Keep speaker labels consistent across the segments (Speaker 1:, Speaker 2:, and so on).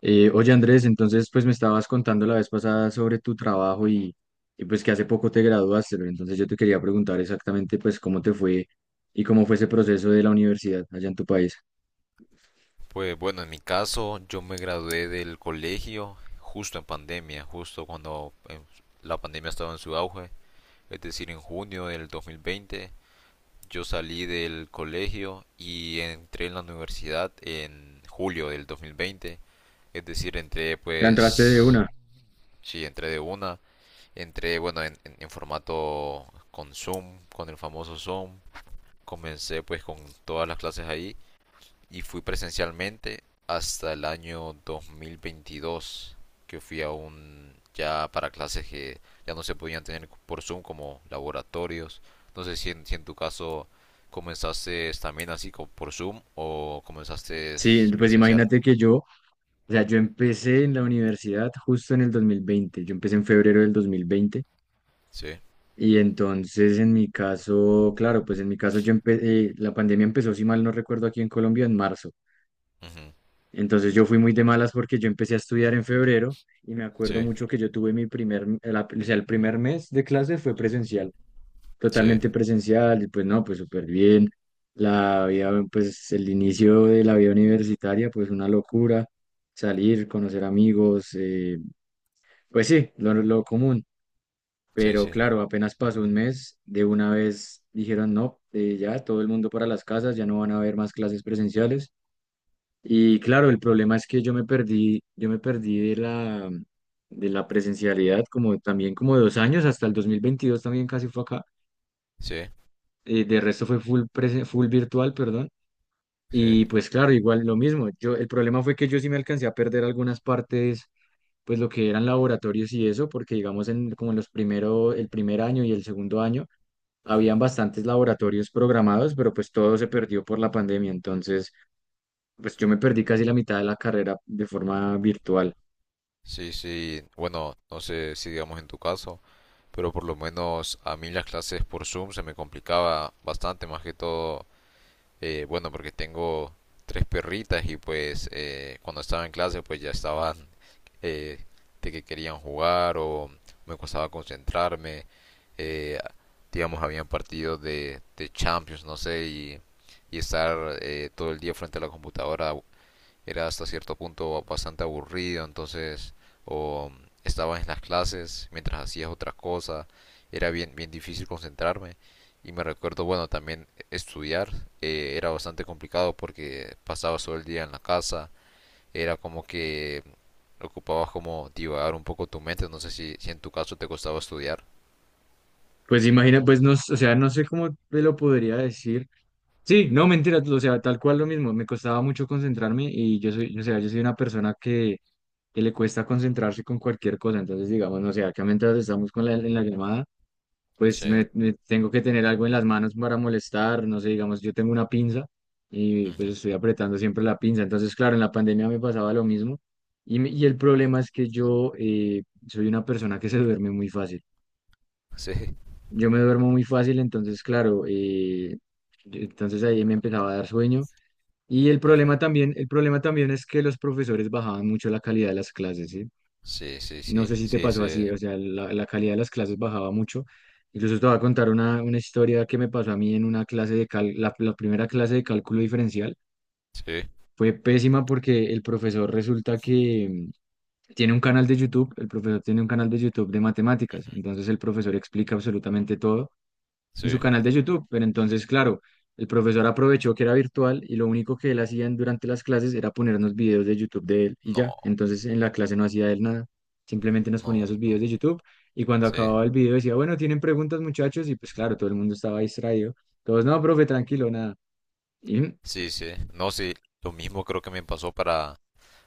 Speaker 1: Oye Andrés, entonces pues me estabas contando la vez pasada sobre tu trabajo y pues que hace poco te graduaste, pero entonces yo te quería preguntar exactamente pues cómo te fue y cómo fue ese proceso de la universidad allá en tu país.
Speaker 2: Pues bueno, en mi caso yo me gradué del colegio justo en pandemia, justo cuando la pandemia estaba en su auge, es decir, en junio del 2020 yo salí del colegio y entré en la universidad en julio del 2020, es decir, entré
Speaker 1: ¿Te entraste de
Speaker 2: pues,
Speaker 1: una?
Speaker 2: sí, entré de una, entré bueno en formato con Zoom, con el famoso Zoom, comencé pues con todas las clases ahí y fui presencialmente hasta el año 2022 que fui a un ya para clases que ya no se podían tener por Zoom como laboratorios. No sé si en tu caso comenzaste también por Zoom o comenzaste
Speaker 1: Sí, pues
Speaker 2: presencial.
Speaker 1: imagínate que o sea, yo empecé en la universidad justo en el 2020. Yo empecé en febrero del 2020
Speaker 2: Sí,
Speaker 1: y entonces en mi caso, claro, pues en mi caso la pandemia empezó, si mal no recuerdo, aquí en Colombia en marzo.
Speaker 2: ujú,
Speaker 1: Entonces yo fui muy de malas porque yo empecé a estudiar en febrero y me acuerdo
Speaker 2: sí,
Speaker 1: mucho que yo tuve mi primer, la- o sea, el primer mes de clase fue presencial,
Speaker 2: sí,
Speaker 1: totalmente presencial, y pues no, pues súper bien. La vida, pues el inicio de la vida universitaria, pues una locura, salir, conocer amigos, pues sí, lo común.
Speaker 2: sí,
Speaker 1: Pero
Speaker 2: sí,
Speaker 1: claro, apenas pasó un mes, de una vez dijeron, no, ya todo el mundo para las casas, ya no van a haber más clases presenciales. Y claro, el problema es que yo me perdí de de la presencialidad como también como dos años, hasta el 2022 también casi fue acá.
Speaker 2: sí,
Speaker 1: De resto fue full virtual, perdón.
Speaker 2: sí.
Speaker 1: Y pues claro, igual lo mismo. Yo, el problema fue que yo sí me alcancé a perder algunas partes, pues lo que eran laboratorios y eso, porque digamos en como en los primero el primer año y el segundo año,
Speaker 2: Ujú.
Speaker 1: habían bastantes laboratorios programados, pero pues todo se perdió por la pandemia. Entonces, pues yo me perdí casi la mitad de la carrera de forma virtual.
Speaker 2: Sí, sí, bueno, no sé si digamos en tu caso, pero por lo menos a mí las clases por Zoom se me complicaba bastante, más que todo. Bueno, porque tengo tres perritas y pues cuando estaba en clase pues ya estaban, eh, de que querían jugar o me costaba concentrarme. eh, digamos, habían partidos de Champions, no sé, y y estar todo el día frente a la computadora era hasta cierto punto bastante aburrido, entonces o estabas en las clases mientras hacías otras cosas, era bien difícil concentrarme. Y me recuerdo, bueno, también estudiar era bastante complicado porque pasabas todo el día en la casa, era como que ocupabas como divagar un poco tu mente. No sé si en tu caso te costaba estudiar.
Speaker 1: Pues imagina, pues no, o sea, no sé cómo te lo podría decir. Sí, no, mentira, o sea, tal cual lo mismo, me costaba mucho concentrarme y o sea, yo soy una persona que le cuesta concentrarse con cualquier cosa, entonces digamos, no sé, acá mientras estamos con en la llamada, pues
Speaker 2: Sí.
Speaker 1: me tengo que tener algo en las manos para molestar, no sé, digamos, yo tengo una pinza y
Speaker 2: Ujú.
Speaker 1: pues estoy apretando siempre la pinza, entonces claro, en la pandemia me pasaba lo mismo y el problema es que yo soy una persona que se duerme muy fácil.
Speaker 2: Sí.
Speaker 1: Yo me duermo muy fácil, entonces, claro, entonces ahí me empezaba a dar sueño.
Speaker 2: Ujú.
Speaker 1: El problema también es que los profesores bajaban mucho la calidad de las clases, ¿sí?
Speaker 2: sí, sí,
Speaker 1: No
Speaker 2: sí,
Speaker 1: sé si te
Speaker 2: sí,
Speaker 1: pasó
Speaker 2: sí,
Speaker 1: así, o sea, la calidad de las clases bajaba mucho. Incluso te voy a contar una historia que me pasó a mí en una clase de cal, la primera clase de cálculo diferencial.
Speaker 2: sí.
Speaker 1: Fue pésima porque el profesor resulta que tiene un canal de YouTube, el profesor tiene un canal de YouTube de matemáticas,
Speaker 2: Ujú.
Speaker 1: entonces el profesor explica absolutamente todo en su
Speaker 2: Sí.
Speaker 1: canal de YouTube. Pero entonces, claro, el profesor aprovechó que era virtual y lo único que él hacía durante las clases era ponernos videos de YouTube de él y ya.
Speaker 2: No,
Speaker 1: Entonces, en la clase no hacía él nada, simplemente nos ponía
Speaker 2: no,
Speaker 1: sus videos de
Speaker 2: no.
Speaker 1: YouTube y cuando
Speaker 2: Sí.
Speaker 1: acababa el video decía, bueno, ¿tienen preguntas, muchachos? Y pues claro, todo el mundo estaba distraído. Todos, no, profe, tranquilo, nada. ¿Y
Speaker 2: Sí, sí. No, sí. Lo mismo creo que me pasó para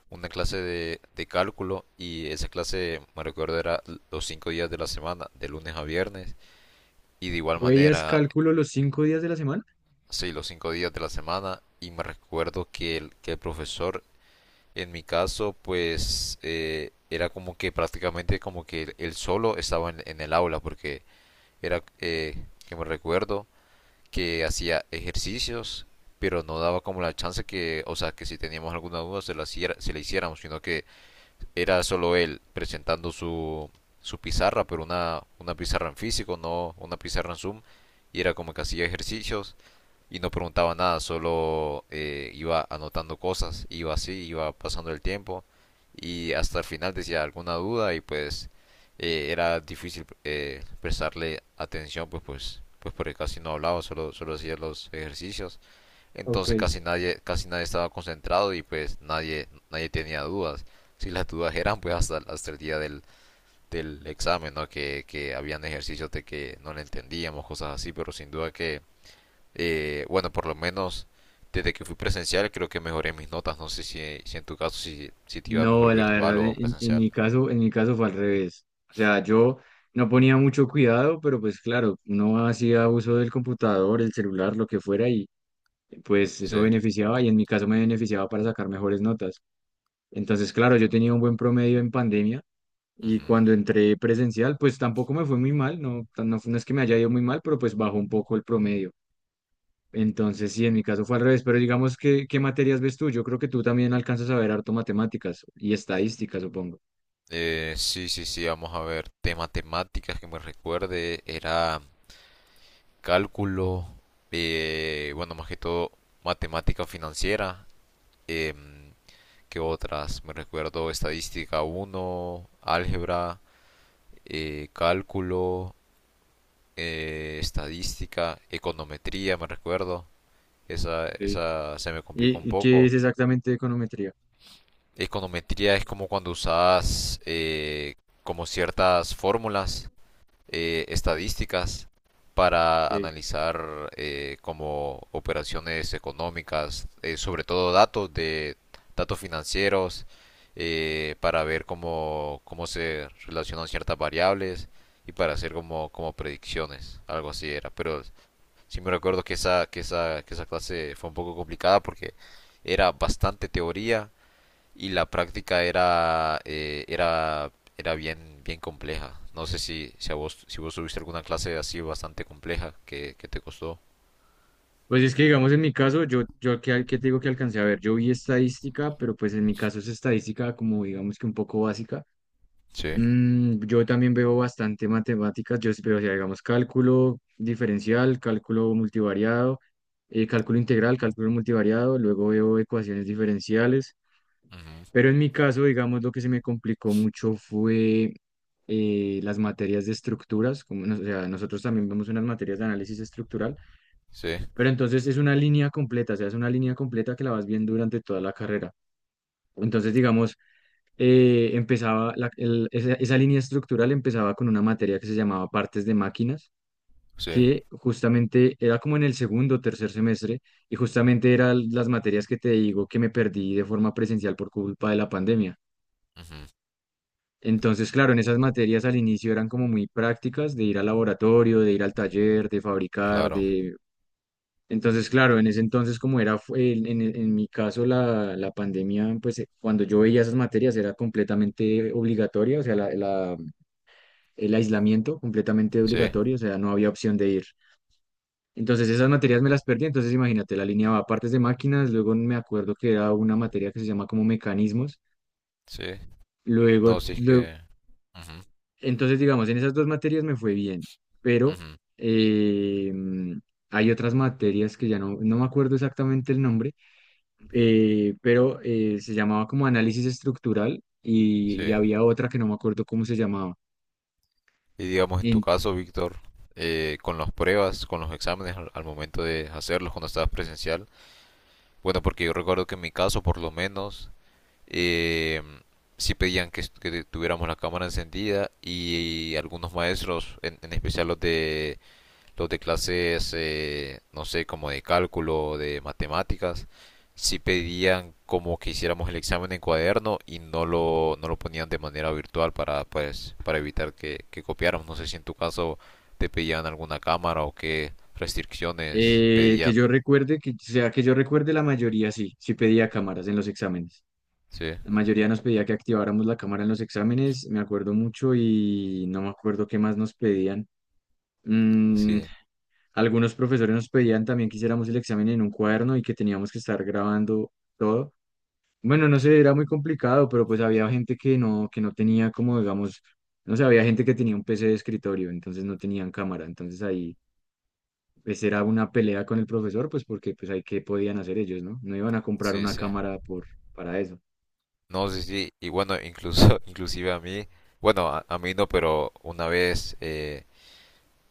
Speaker 2: una clase de cálculo, y esa clase, me recuerdo, era los cinco días de la semana, de lunes a viernes. Y de igual
Speaker 1: tú veías
Speaker 2: manera,
Speaker 1: cálculo los cinco días de la semana?
Speaker 2: sí, los cinco días de la semana. Y me recuerdo que el profesor, en mi caso, pues era como que prácticamente como que él solo estaba en el aula porque era, que me recuerdo que hacía ejercicios, pero no daba como la chance que, o sea, que si teníamos alguna duda se la hiciéramos, sino que era solo él presentando su, su pizarra, pero una pizarra en físico, no una pizarra en Zoom, y era como que hacía ejercicios y no preguntaba nada, solo iba anotando cosas, iba así, iba pasando el tiempo y hasta el final decía alguna duda, y pues era difícil prestarle atención, pues porque casi no hablaba, solo hacía los ejercicios,
Speaker 1: Ok.
Speaker 2: entonces casi nadie estaba concentrado y pues nadie tenía dudas. Si las dudas eran pues hasta el día del examen, ¿no? Que habían ejercicios de que no le entendíamos, cosas así, pero sin duda que, bueno, por lo menos desde que fui presencial creo que mejoré mis notas. No sé si en tu caso si te iba
Speaker 1: No,
Speaker 2: mejor
Speaker 1: la
Speaker 2: virtual
Speaker 1: verdad,
Speaker 2: o presencial.
Speaker 1: en mi caso fue al revés. O sea, yo no ponía mucho cuidado, pero pues claro, uno hacía uso del computador, el celular, lo que fuera, y pues eso
Speaker 2: Sí.
Speaker 1: beneficiaba, y en mi caso me beneficiaba para sacar mejores notas. Entonces, claro, yo tenía un buen promedio en pandemia, y
Speaker 2: Ujú.
Speaker 1: cuando entré presencial, pues tampoco me fue muy mal, no, no es que me haya ido muy mal, pero pues bajó un poco el promedio. Entonces, sí, en mi caso fue al revés, pero digamos ¿qué materias ves tú? Yo creo que tú también alcanzas a ver harto matemáticas y estadísticas, supongo.
Speaker 2: Sí, sí, sí, vamos a ver. De matemáticas que me recuerde era cálculo, bueno, más que todo matemática financiera. em, ¿Qué otras? Me recuerdo estadística uno, álgebra, cálculo, estadística, econometría, me recuerdo.
Speaker 1: Sí.
Speaker 2: Esa se me complicó un
Speaker 1: Y qué
Speaker 2: poco.
Speaker 1: es exactamente econometría?
Speaker 2: Econometría es como cuando usas, como ciertas fórmulas estadísticas, para
Speaker 1: Sí.
Speaker 2: analizar, como operaciones económicas, sobre todo datos de datos financieros, para ver cómo se relacionan ciertas variables y para hacer como, como predicciones, algo así era. Pero sí me recuerdo que esa clase fue un poco complicada porque era bastante teoría y la práctica era, era bien compleja. No sé si a vos, si vos tuviste alguna clase así bastante compleja que te costó.
Speaker 1: Pues es que, digamos, en mi caso, yo qué te digo que alcancé a ver? Yo vi estadística, pero pues en mi caso es estadística como, digamos, que un poco básica.
Speaker 2: Sí.
Speaker 1: Yo también veo bastante matemáticas, yo sí veo, o sea, digamos, cálculo diferencial, cálculo multivariado, cálculo integral, cálculo multivariado, luego veo ecuaciones diferenciales.
Speaker 2: Ujú.
Speaker 1: Pero en mi caso, digamos, lo que se me complicó mucho fue las materias de estructuras, como, o sea, nosotros también vemos unas materias de análisis estructural,
Speaker 2: Sí,
Speaker 1: pero entonces es una línea completa, o sea, es una línea completa que la vas viendo durante toda la carrera. Entonces, digamos, empezaba, la- el- esa línea estructural empezaba con una materia que se llamaba partes de máquinas,
Speaker 2: sí.
Speaker 1: que justamente era como en el segundo o tercer semestre, y justamente eran las materias que te digo que me perdí de forma presencial por culpa de la pandemia.
Speaker 2: Ujú.
Speaker 1: Entonces, claro, en esas materias al inicio eran como muy prácticas de ir al laboratorio, de ir al taller, de fabricar,
Speaker 2: Claro.
Speaker 1: de... Entonces, claro, en ese entonces como era, fu- en mi caso la pandemia, pues cuando yo veía esas materias era completamente obligatoria, o sea, el aislamiento completamente
Speaker 2: Sí,
Speaker 1: obligatorio, o sea, no había opción de ir. Entonces esas materias me las perdí, entonces imagínate, la alineaba partes de máquinas, luego me acuerdo que era una materia que se llama como mecanismos,
Speaker 2: sí. No, sí es
Speaker 1: luego.
Speaker 2: que... Ujú,
Speaker 1: Entonces, digamos, en esas dos materias me fue bien, pero
Speaker 2: ujú.
Speaker 1: eh, mm, hay otras materias que ya no me acuerdo exactamente el nombre, se llamaba como análisis estructural y
Speaker 2: Sí.
Speaker 1: había otra que no me acuerdo cómo se llamaba.
Speaker 2: Y digamos en tu
Speaker 1: En-
Speaker 2: caso, Víctor, con las pruebas, con los exámenes al, al momento de hacerlos cuando estabas presencial. Bueno, porque yo recuerdo que en mi caso, por lo menos, eh, sí pedían que, que tuviéramos la cámara encendida, y algunos maestros, en especial los de clases, no sé, como de cálculo, de matemáticas, sí pedían como que hiciéramos el examen en cuaderno y no no lo ponían de manera virtual para, pues, para evitar que copiáramos. No sé si en tu caso te pedían alguna cámara o qué restricciones
Speaker 1: que
Speaker 2: pedían.
Speaker 1: yo recuerde, o sea, que yo recuerde la mayoría sí pedía cámaras en los exámenes.
Speaker 2: Sí,
Speaker 1: La mayoría nos pedía que activáramos la cámara en los exámenes, me acuerdo mucho y no me acuerdo qué más nos pedían. Mm,
Speaker 2: sí,
Speaker 1: Algunos profesores nos pedían también que hiciéramos el examen en un cuaderno y que teníamos que estar grabando todo. Bueno, no sé, era muy complicado, pero pues había gente que no tenía como, digamos, no sé, había gente que tenía un PC de escritorio, entonces no tenían cámara. Entonces ahí pues era una pelea con el profesor, pues porque pues ahí qué podían hacer ellos, ¿no? No iban a comprar
Speaker 2: sí,
Speaker 1: una
Speaker 2: sí.
Speaker 1: cámara por, para eso.
Speaker 2: No, sí, sí, y bueno, incluso, inclusive a mí, bueno, a mí no, pero una vez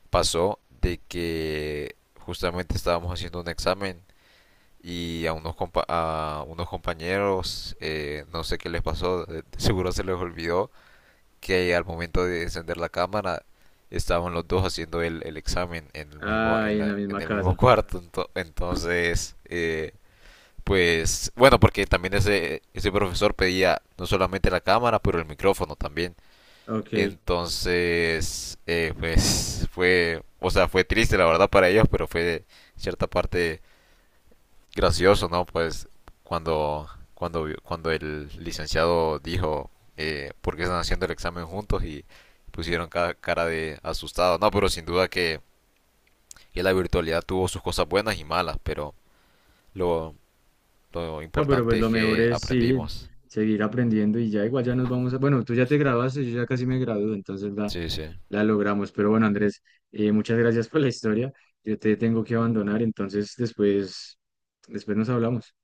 Speaker 2: pasó de que justamente estábamos haciendo un examen y a unos, a unos compañeros, no sé qué les pasó, de seguro se les olvidó que al momento de encender la cámara estaban los dos haciendo el examen en el mismo,
Speaker 1: Ay, en la
Speaker 2: en
Speaker 1: misma
Speaker 2: el mismo
Speaker 1: casa.
Speaker 2: cuarto, entonces... pues bueno, porque también ese profesor pedía no solamente la cámara, pero el micrófono también.
Speaker 1: Ok.
Speaker 2: Entonces, pues fue, o sea, fue triste la verdad para ellos, pero fue de cierta parte gracioso, ¿no? Pues cuando, cuando el licenciado dijo, ¿por qué están haciendo el examen juntos? Y pusieron cara de asustado. No, pero sin duda que la virtualidad tuvo sus cosas buenas y malas, pero lo, lo
Speaker 1: No, pero pues
Speaker 2: importante
Speaker 1: lo
Speaker 2: es
Speaker 1: mejor
Speaker 2: que
Speaker 1: es sí,
Speaker 2: aprendimos.
Speaker 1: seguir aprendiendo y ya igual ya nos vamos a... Bueno, tú ya te graduaste, yo ya casi me gradúo, entonces va.
Speaker 2: Sí, sí.
Speaker 1: La logramos, pero bueno, Andrés, muchas gracias por la historia. Yo te tengo que abandonar, entonces después nos hablamos.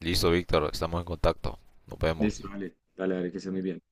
Speaker 2: Listo, Víctor, estamos en contacto. Nos vemos.
Speaker 1: Listo, vale, dale, que estés muy bien.